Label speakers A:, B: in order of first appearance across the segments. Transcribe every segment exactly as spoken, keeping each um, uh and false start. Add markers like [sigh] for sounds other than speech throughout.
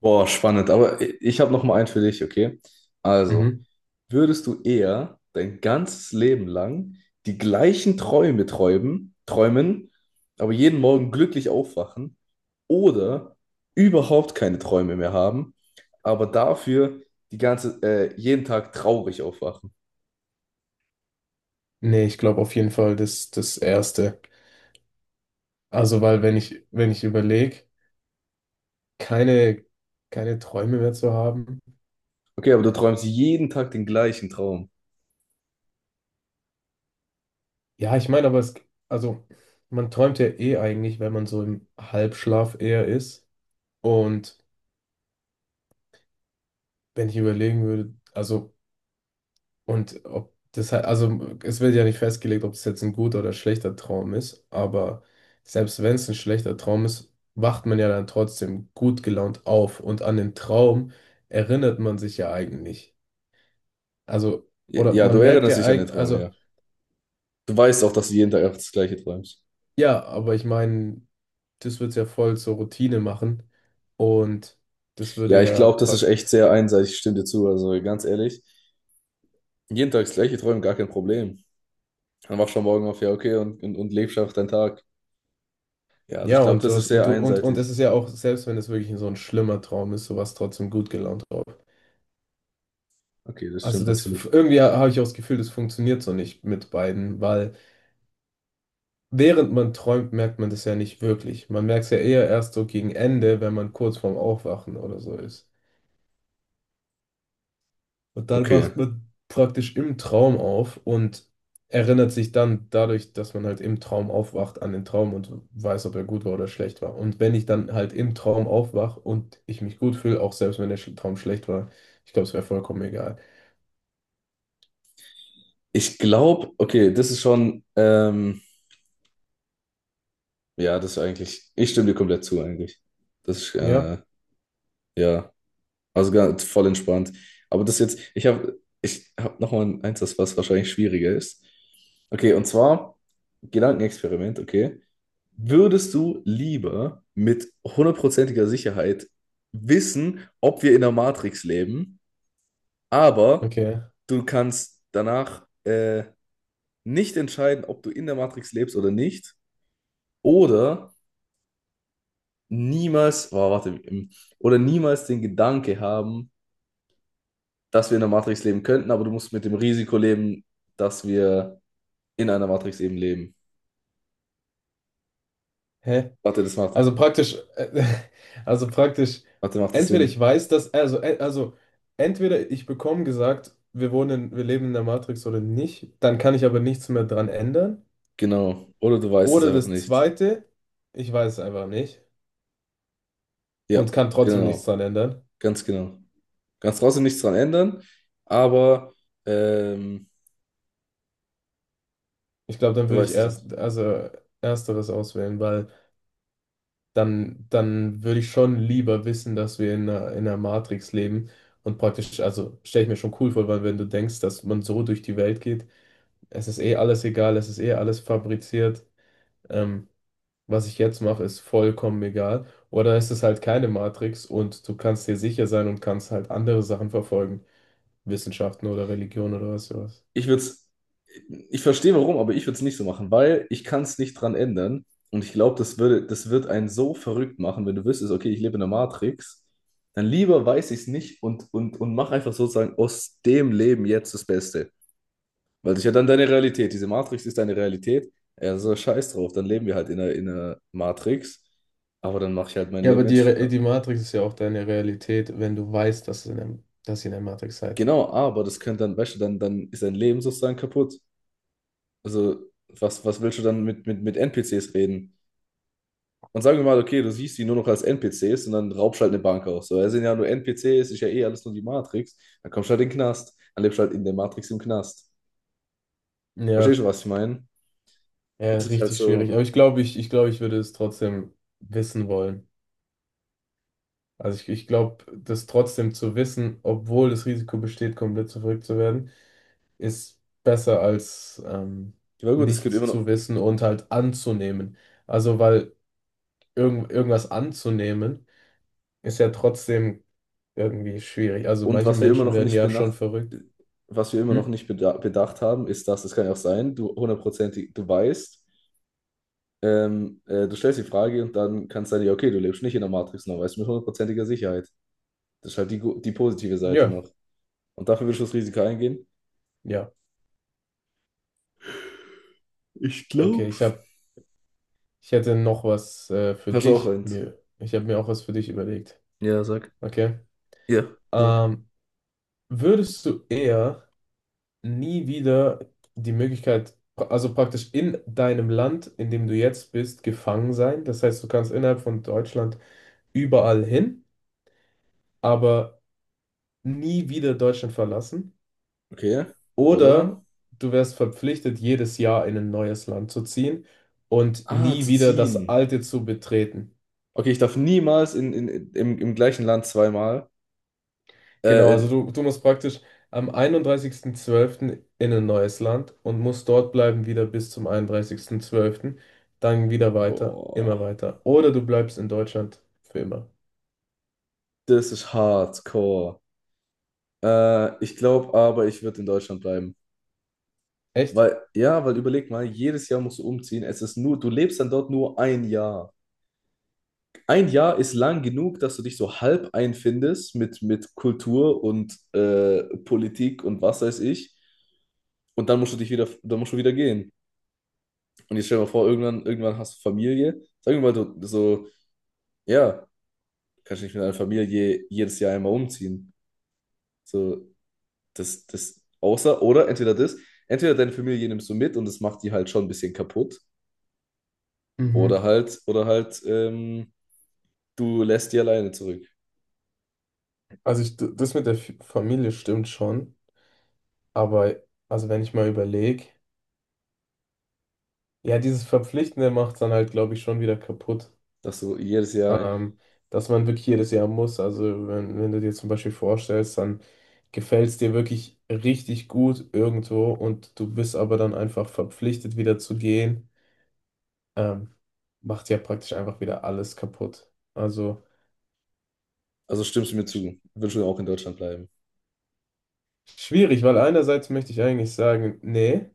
A: Boah, spannend. Aber ich habe noch mal einen für dich, okay? Also,
B: Mhm.
A: würdest du eher dein ganzes Leben lang die gleichen Träume träumen, träumen, aber jeden Morgen glücklich aufwachen oder überhaupt keine Träume mehr haben, aber dafür die ganze, äh, jeden Tag traurig aufwachen?
B: Nee, ich glaube auf jeden Fall das, das Erste. Also, weil wenn ich, wenn ich überlege, keine, keine Träume mehr zu haben.
A: Okay, aber du träumst jeden Tag den gleichen Traum.
B: Ja, ich meine, aber es, also, man träumt ja eh eigentlich, wenn man so im Halbschlaf eher ist. Und wenn ich überlegen würde, also. Und ob das halt, also es wird ja nicht festgelegt, ob es jetzt ein guter oder schlechter Traum ist, aber selbst wenn es ein schlechter Traum ist, wacht man ja dann trotzdem gut gelaunt auf und an den Traum erinnert man sich ja eigentlich. Also, oder
A: Ja, du
B: man merkt
A: erinnerst
B: ja
A: dich an den
B: eigentlich,
A: Traum, ja.
B: also
A: Du weißt auch, dass du jeden Tag einfach das Gleiche träumst.
B: ja, aber ich meine, das wird es ja voll zur Routine machen und das
A: Ja,
B: würde
A: ich
B: ja
A: glaube, das ist
B: praktisch.
A: echt sehr einseitig. Ich stimme dir zu. Also ganz ehrlich, jeden Tag das gleiche träumen, gar kein Problem. Dann wachst du am Morgen auf, ja, okay, und, und, und lebst einfach deinen Tag. Ja, also ich
B: Ja,
A: glaube,
B: und du
A: das ist
B: hast, und
A: sehr
B: du, und, und es
A: einseitig.
B: ist ja auch, selbst wenn es wirklich so ein schlimmer Traum ist, sowas trotzdem gut gelaunt auf.
A: Okay, das
B: Also
A: stimmt
B: das
A: natürlich.
B: irgendwie, habe ich auch das Gefühl, das funktioniert so nicht mit beiden, weil während man träumt, merkt man das ja nicht wirklich. Man merkt es ja eher erst so gegen Ende, wenn man kurz vorm Aufwachen oder so ist. Und dann
A: Okay.
B: wacht man praktisch im Traum auf und erinnert sich dann dadurch, dass man halt im Traum aufwacht, an den Traum und weiß, ob er gut war oder schlecht war. Und wenn ich dann halt im Traum aufwache und ich mich gut fühle, auch selbst wenn der Sch- Traum schlecht war, ich glaube, es wäre vollkommen egal.
A: Ich glaube, okay, das ist schon, ähm, ja, das ist eigentlich, ich stimme dir komplett zu eigentlich. Das ist,
B: Ja,
A: äh, ja, also ganz voll entspannt. Aber das jetzt, ich habe, ich habe nochmal eins, das was wahrscheinlich schwieriger ist. Okay, und zwar Gedankenexperiment, okay. Würdest du lieber mit hundertprozentiger Sicherheit wissen, ob wir in der Matrix leben, aber
B: okay.
A: du kannst danach äh, nicht entscheiden, ob du in der Matrix lebst oder nicht, oder niemals, oh, warte, ähm, oder niemals den Gedanke haben, dass wir in der Matrix leben könnten, aber du musst mit dem Risiko leben, dass wir in einer Matrix eben leben.
B: Hä?
A: Warte, das macht,
B: Also praktisch, äh, [laughs] also praktisch,
A: warte, macht das
B: entweder ich
A: Sinn?
B: weiß, dass, also, äh, also entweder ich bekomme gesagt, wir wohnen, wir leben in der Matrix oder nicht, dann kann ich aber nichts mehr dran ändern.
A: Genau. Oder du weißt es
B: Oder
A: einfach
B: das
A: nicht.
B: zweite, ich weiß es einfach nicht
A: Ja,
B: und kann trotzdem nichts
A: genau.
B: dran ändern.
A: Ganz genau. Kannst trotzdem nichts dran ändern, aber ähm,
B: Ich glaube, dann
A: du
B: würde ich
A: weißt es nicht.
B: erst, also ersteres auswählen, weil dann, dann würde ich schon lieber wissen, dass wir in einer, in einer Matrix leben und praktisch, also stelle ich mir schon cool vor, weil wenn du denkst, dass man so durch die Welt geht, es ist eh alles egal, es ist eh alles fabriziert, ähm, was ich jetzt mache, ist vollkommen egal. Oder ist es halt keine Matrix und du kannst dir sicher sein und kannst halt andere Sachen verfolgen, Wissenschaften oder Religion oder was sowas.
A: Ich würde es, ich verstehe warum, aber ich würde es nicht so machen, weil ich kann es nicht dran ändern. Und ich glaube, das würde, das wird einen so verrückt machen, wenn du wüsstest, okay, ich lebe in der Matrix, dann lieber weiß ich es nicht und, und, und mach einfach sozusagen aus dem Leben jetzt das Beste. Weil das ist ja dann deine Realität. Diese Matrix ist deine Realität. Ja, so scheiß drauf, dann leben wir halt in einer, in einer Matrix. Aber dann mache ich halt mein
B: Ja, aber
A: Leben
B: die,
A: ents-
B: Re- die Matrix ist ja auch deine Realität, wenn du weißt, dass, in einem, dass ihr in der Matrix seid.
A: Genau, aber das könnte dann, weißt du, dann, dann ist dein Leben sozusagen kaputt. Also, was, was willst du dann mit, mit, mit N P Cs reden? Und sagen wir mal, okay, du siehst die nur noch als N P Cs und dann raubst halt eine Bank aus. So, das sind ja nur N P Cs, ist ja eh alles nur die Matrix. Dann kommst du halt in den Knast. Dann lebst du halt in der Matrix im Knast.
B: Ja,
A: Verstehst du, was ich meine?
B: ja,
A: Das ist halt
B: richtig schwierig.
A: so.
B: Aber ich glaube, ich, ich glaube, ich würde es trotzdem wissen wollen. Also ich, ich glaube, das trotzdem zu wissen, obwohl das Risiko besteht, komplett verrückt zu werden, ist besser als ähm,
A: Ja, gut, es gibt
B: nichts
A: immer
B: zu
A: noch.
B: wissen und halt anzunehmen. Also weil irgend, irgendwas anzunehmen, ist ja trotzdem irgendwie schwierig. Also
A: Und
B: manche
A: was wir immer
B: Menschen
A: noch
B: werden
A: nicht
B: ja schon
A: benacht,
B: verrückt.
A: was wir immer noch
B: Hm?
A: nicht beda bedacht haben, ist, dass es kann ja auch sein, du hundertprozentig, du weißt, Ähm, äh, du stellst die Frage und dann kannst du sagen, ja, okay, du lebst nicht in der Matrix noch, weißt du, mit hundertprozentiger Sicherheit. Das ist halt die, gu- die positive Seite
B: Ja,
A: noch. Und dafür willst du das Risiko eingehen?
B: ja.
A: Ich
B: Okay,
A: glaube.
B: ich hab, ich hätte noch was äh, für
A: Hast du auch
B: dich.
A: eins?
B: Mir, ich habe mir auch was für dich überlegt.
A: Ja, sag.
B: Okay.
A: Ja, sag.
B: Ähm, würdest du eher nie wieder die Möglichkeit, also praktisch in deinem Land, in dem du jetzt bist, gefangen sein? Das heißt, du kannst innerhalb von Deutschland überall hin, aber nie wieder Deutschland verlassen.
A: Okay, oder?
B: Oder du wärst verpflichtet, jedes Jahr in ein neues Land zu ziehen und
A: Ah,
B: nie
A: zu
B: wieder das
A: ziehen.
B: alte zu betreten.
A: Okay, ich darf niemals in, in, im, im gleichen Land zweimal.
B: Genau,
A: Äh,
B: also
A: in,
B: du, du musst praktisch am einunddreißigsten zwölften in ein neues Land und musst dort bleiben wieder bis zum einunddreißigsten zwölften. Dann wieder weiter, immer
A: boah,
B: weiter. Oder du bleibst in Deutschland für immer.
A: das ist hardcore. Äh, ich glaube aber, ich würde in Deutschland bleiben.
B: Echt?
A: Weil, ja, weil überleg mal, jedes Jahr musst du umziehen. Es ist nur, du lebst dann dort nur ein Jahr. Ein Jahr ist lang genug, dass du dich so halb einfindest mit, mit Kultur und äh, Politik und was weiß ich. Und dann musst du dich wieder, dann musst du wieder gehen. Und jetzt stell dir mal vor, irgendwann, irgendwann hast du Familie. Sag mir mal, du so, ja, kannst du nicht mit deiner Familie jedes Jahr einmal umziehen. So, das, das, außer, oder entweder das, entweder deine Familie nimmst du mit und das macht die halt schon ein bisschen kaputt. Oder
B: Mhm.
A: halt, oder halt, ähm, du lässt die alleine zurück.
B: Also ich, d- das mit der F- Familie stimmt schon, aber also wenn ich mal überlege, ja, dieses Verpflichtende macht es dann halt, glaube ich, schon wieder kaputt.
A: Dass du jedes Jahr,
B: ähm, dass man wirklich jedes Jahr muss. Also wenn, wenn du dir zum Beispiel vorstellst, dann gefällt es dir wirklich richtig gut irgendwo und du bist aber dann einfach verpflichtet, wieder zu gehen, ähm, macht ja praktisch einfach wieder alles kaputt. Also
A: also stimmst du mir
B: sch
A: zu, willst du auch in Deutschland bleiben.
B: schwierig, weil einerseits möchte ich eigentlich sagen, nee,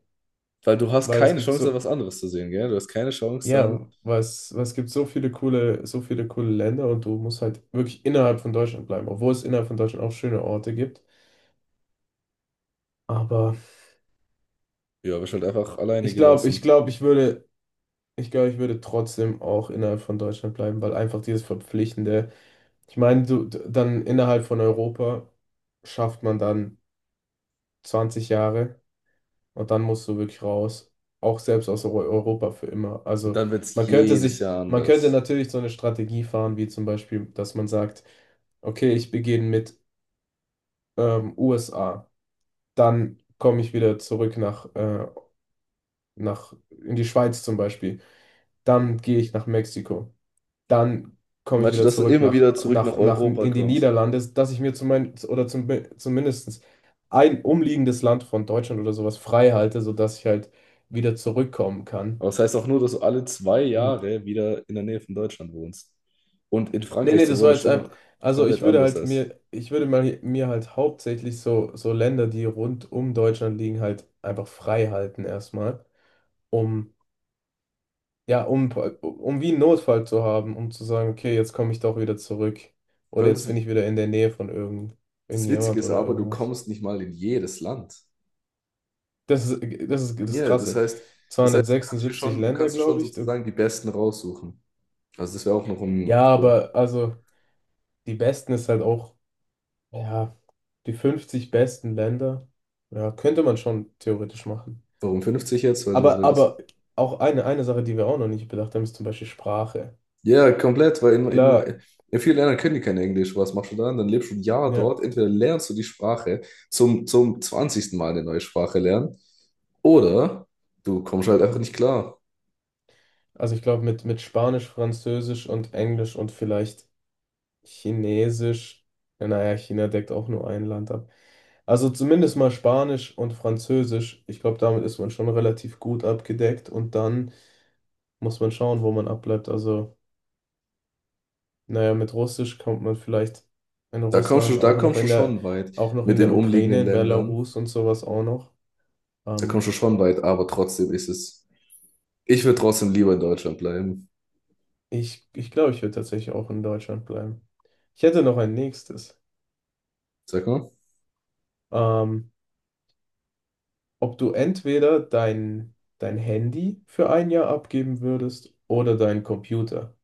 A: Weil du hast
B: weil es
A: keine
B: gibt
A: Chance, da
B: so,
A: was anderes zu sehen, gell? Du hast keine Chance,
B: ja,
A: dann,
B: was, was gibt so viele coole, so viele coole Länder und du musst halt wirklich innerhalb von Deutschland bleiben, obwohl es innerhalb von Deutschland auch schöne Orte gibt. Aber
A: ja, wirst halt einfach alleine
B: ich glaube, ich
A: gelassen.
B: glaube, ich würde Ich glaube, ich würde trotzdem auch innerhalb von Deutschland bleiben, weil einfach dieses Verpflichtende, ich meine, du, d- dann innerhalb von Europa schafft man dann zwanzig Jahre und dann musst du wirklich raus, auch selbst aus Eu- Europa für immer.
A: Und
B: Also
A: dann wird es
B: man könnte
A: jedes
B: sich,
A: Jahr
B: man könnte
A: anders.
B: natürlich so eine Strategie fahren, wie zum Beispiel, dass man sagt, okay, ich beginne mit ähm, U S A, dann komme ich wieder zurück nach, äh, nach, in die Schweiz zum Beispiel, dann gehe ich nach Mexiko. Dann komme ich
A: Meinst du,
B: wieder
A: dass du
B: zurück
A: immer
B: nach,
A: wieder zurück nach
B: nach, nach
A: Europa
B: in die
A: kommst?
B: Niederlande, dass ich mir zum, oder zum, zumindest ein umliegendes Land von Deutschland oder sowas frei halte, sodass ich halt wieder zurückkommen kann.
A: Aber das heißt auch nur, dass du alle zwei
B: In-
A: Jahre wieder in der Nähe von Deutschland wohnst. Und in
B: Nee,
A: Frankreich,
B: nee,
A: so
B: das
A: wohne
B: war
A: ich
B: jetzt
A: immer
B: einfach,
A: noch
B: also
A: komplett
B: ich würde
A: anders
B: halt
A: als.
B: mir, ich würde mal, mir halt hauptsächlich so, so Länder, die rund um Deutschland liegen, halt einfach frei halten erstmal, um. Ja, um, um wie einen Notfall zu haben, um zu sagen, okay, jetzt komme ich doch wieder zurück.
A: Vor
B: Oder
A: allem
B: jetzt bin
A: das,
B: ich wieder in der Nähe von irgend,
A: das Witzige
B: irgendjemand
A: ist
B: oder
A: aber, du
B: irgendwas.
A: kommst nicht mal in jedes Land.
B: Das ist, das ist das
A: Ja, das
B: Krasse.
A: heißt, das heißt, du kannst dir
B: zweihundertsechsundsiebzig
A: schon, du
B: Länder,
A: kannst dir schon
B: glaube ich. Du-
A: sozusagen die Besten raussuchen. Also das wäre auch noch ein
B: Ja,
A: Pro.
B: aber also die besten ist halt auch, ja, die fünfzig besten Länder. Ja, könnte man schon theoretisch machen.
A: Warum fünfzig jetzt? Weil, du-
B: Aber,
A: weil das.
B: aber auch eine, eine Sache, die wir auch noch nicht bedacht haben, ist zum Beispiel Sprache.
A: Ja, komplett, weil in, in,
B: Klar,
A: in vielen Ländern können die kein Englisch. Was machst du dann? Dann lebst du ein Jahr
B: ja.
A: dort. Entweder lernst du die Sprache zum, zum zwanzigsten Mal eine neue Sprache lernen, oder du kommst halt einfach nicht klar.
B: Also ich glaube, mit, mit Spanisch, Französisch und Englisch und vielleicht. Chinesisch, ja, naja, China deckt auch nur ein Land ab. Also zumindest mal Spanisch und Französisch. Ich glaube, damit ist man schon relativ gut abgedeckt und dann muss man schauen, wo man abbleibt. Also, naja, mit Russisch kommt man vielleicht in
A: Da kommst du,
B: Russland,
A: da
B: auch noch
A: kommst du
B: in der,
A: schon weit
B: auch noch
A: mit
B: in
A: den
B: der
A: umliegenden
B: Ukraine, in
A: Ländern.
B: Belarus und sowas auch noch.
A: Da kommst
B: Ähm,
A: du schon weit, aber trotzdem ist es. Ich würde trotzdem lieber in Deutschland bleiben.
B: ich ich glaube, ich würde tatsächlich auch in Deutschland bleiben. Ich hätte noch ein nächstes.
A: Sag mal.
B: Ähm, ob du entweder dein, dein Handy für ein Jahr abgeben würdest oder deinen Computer.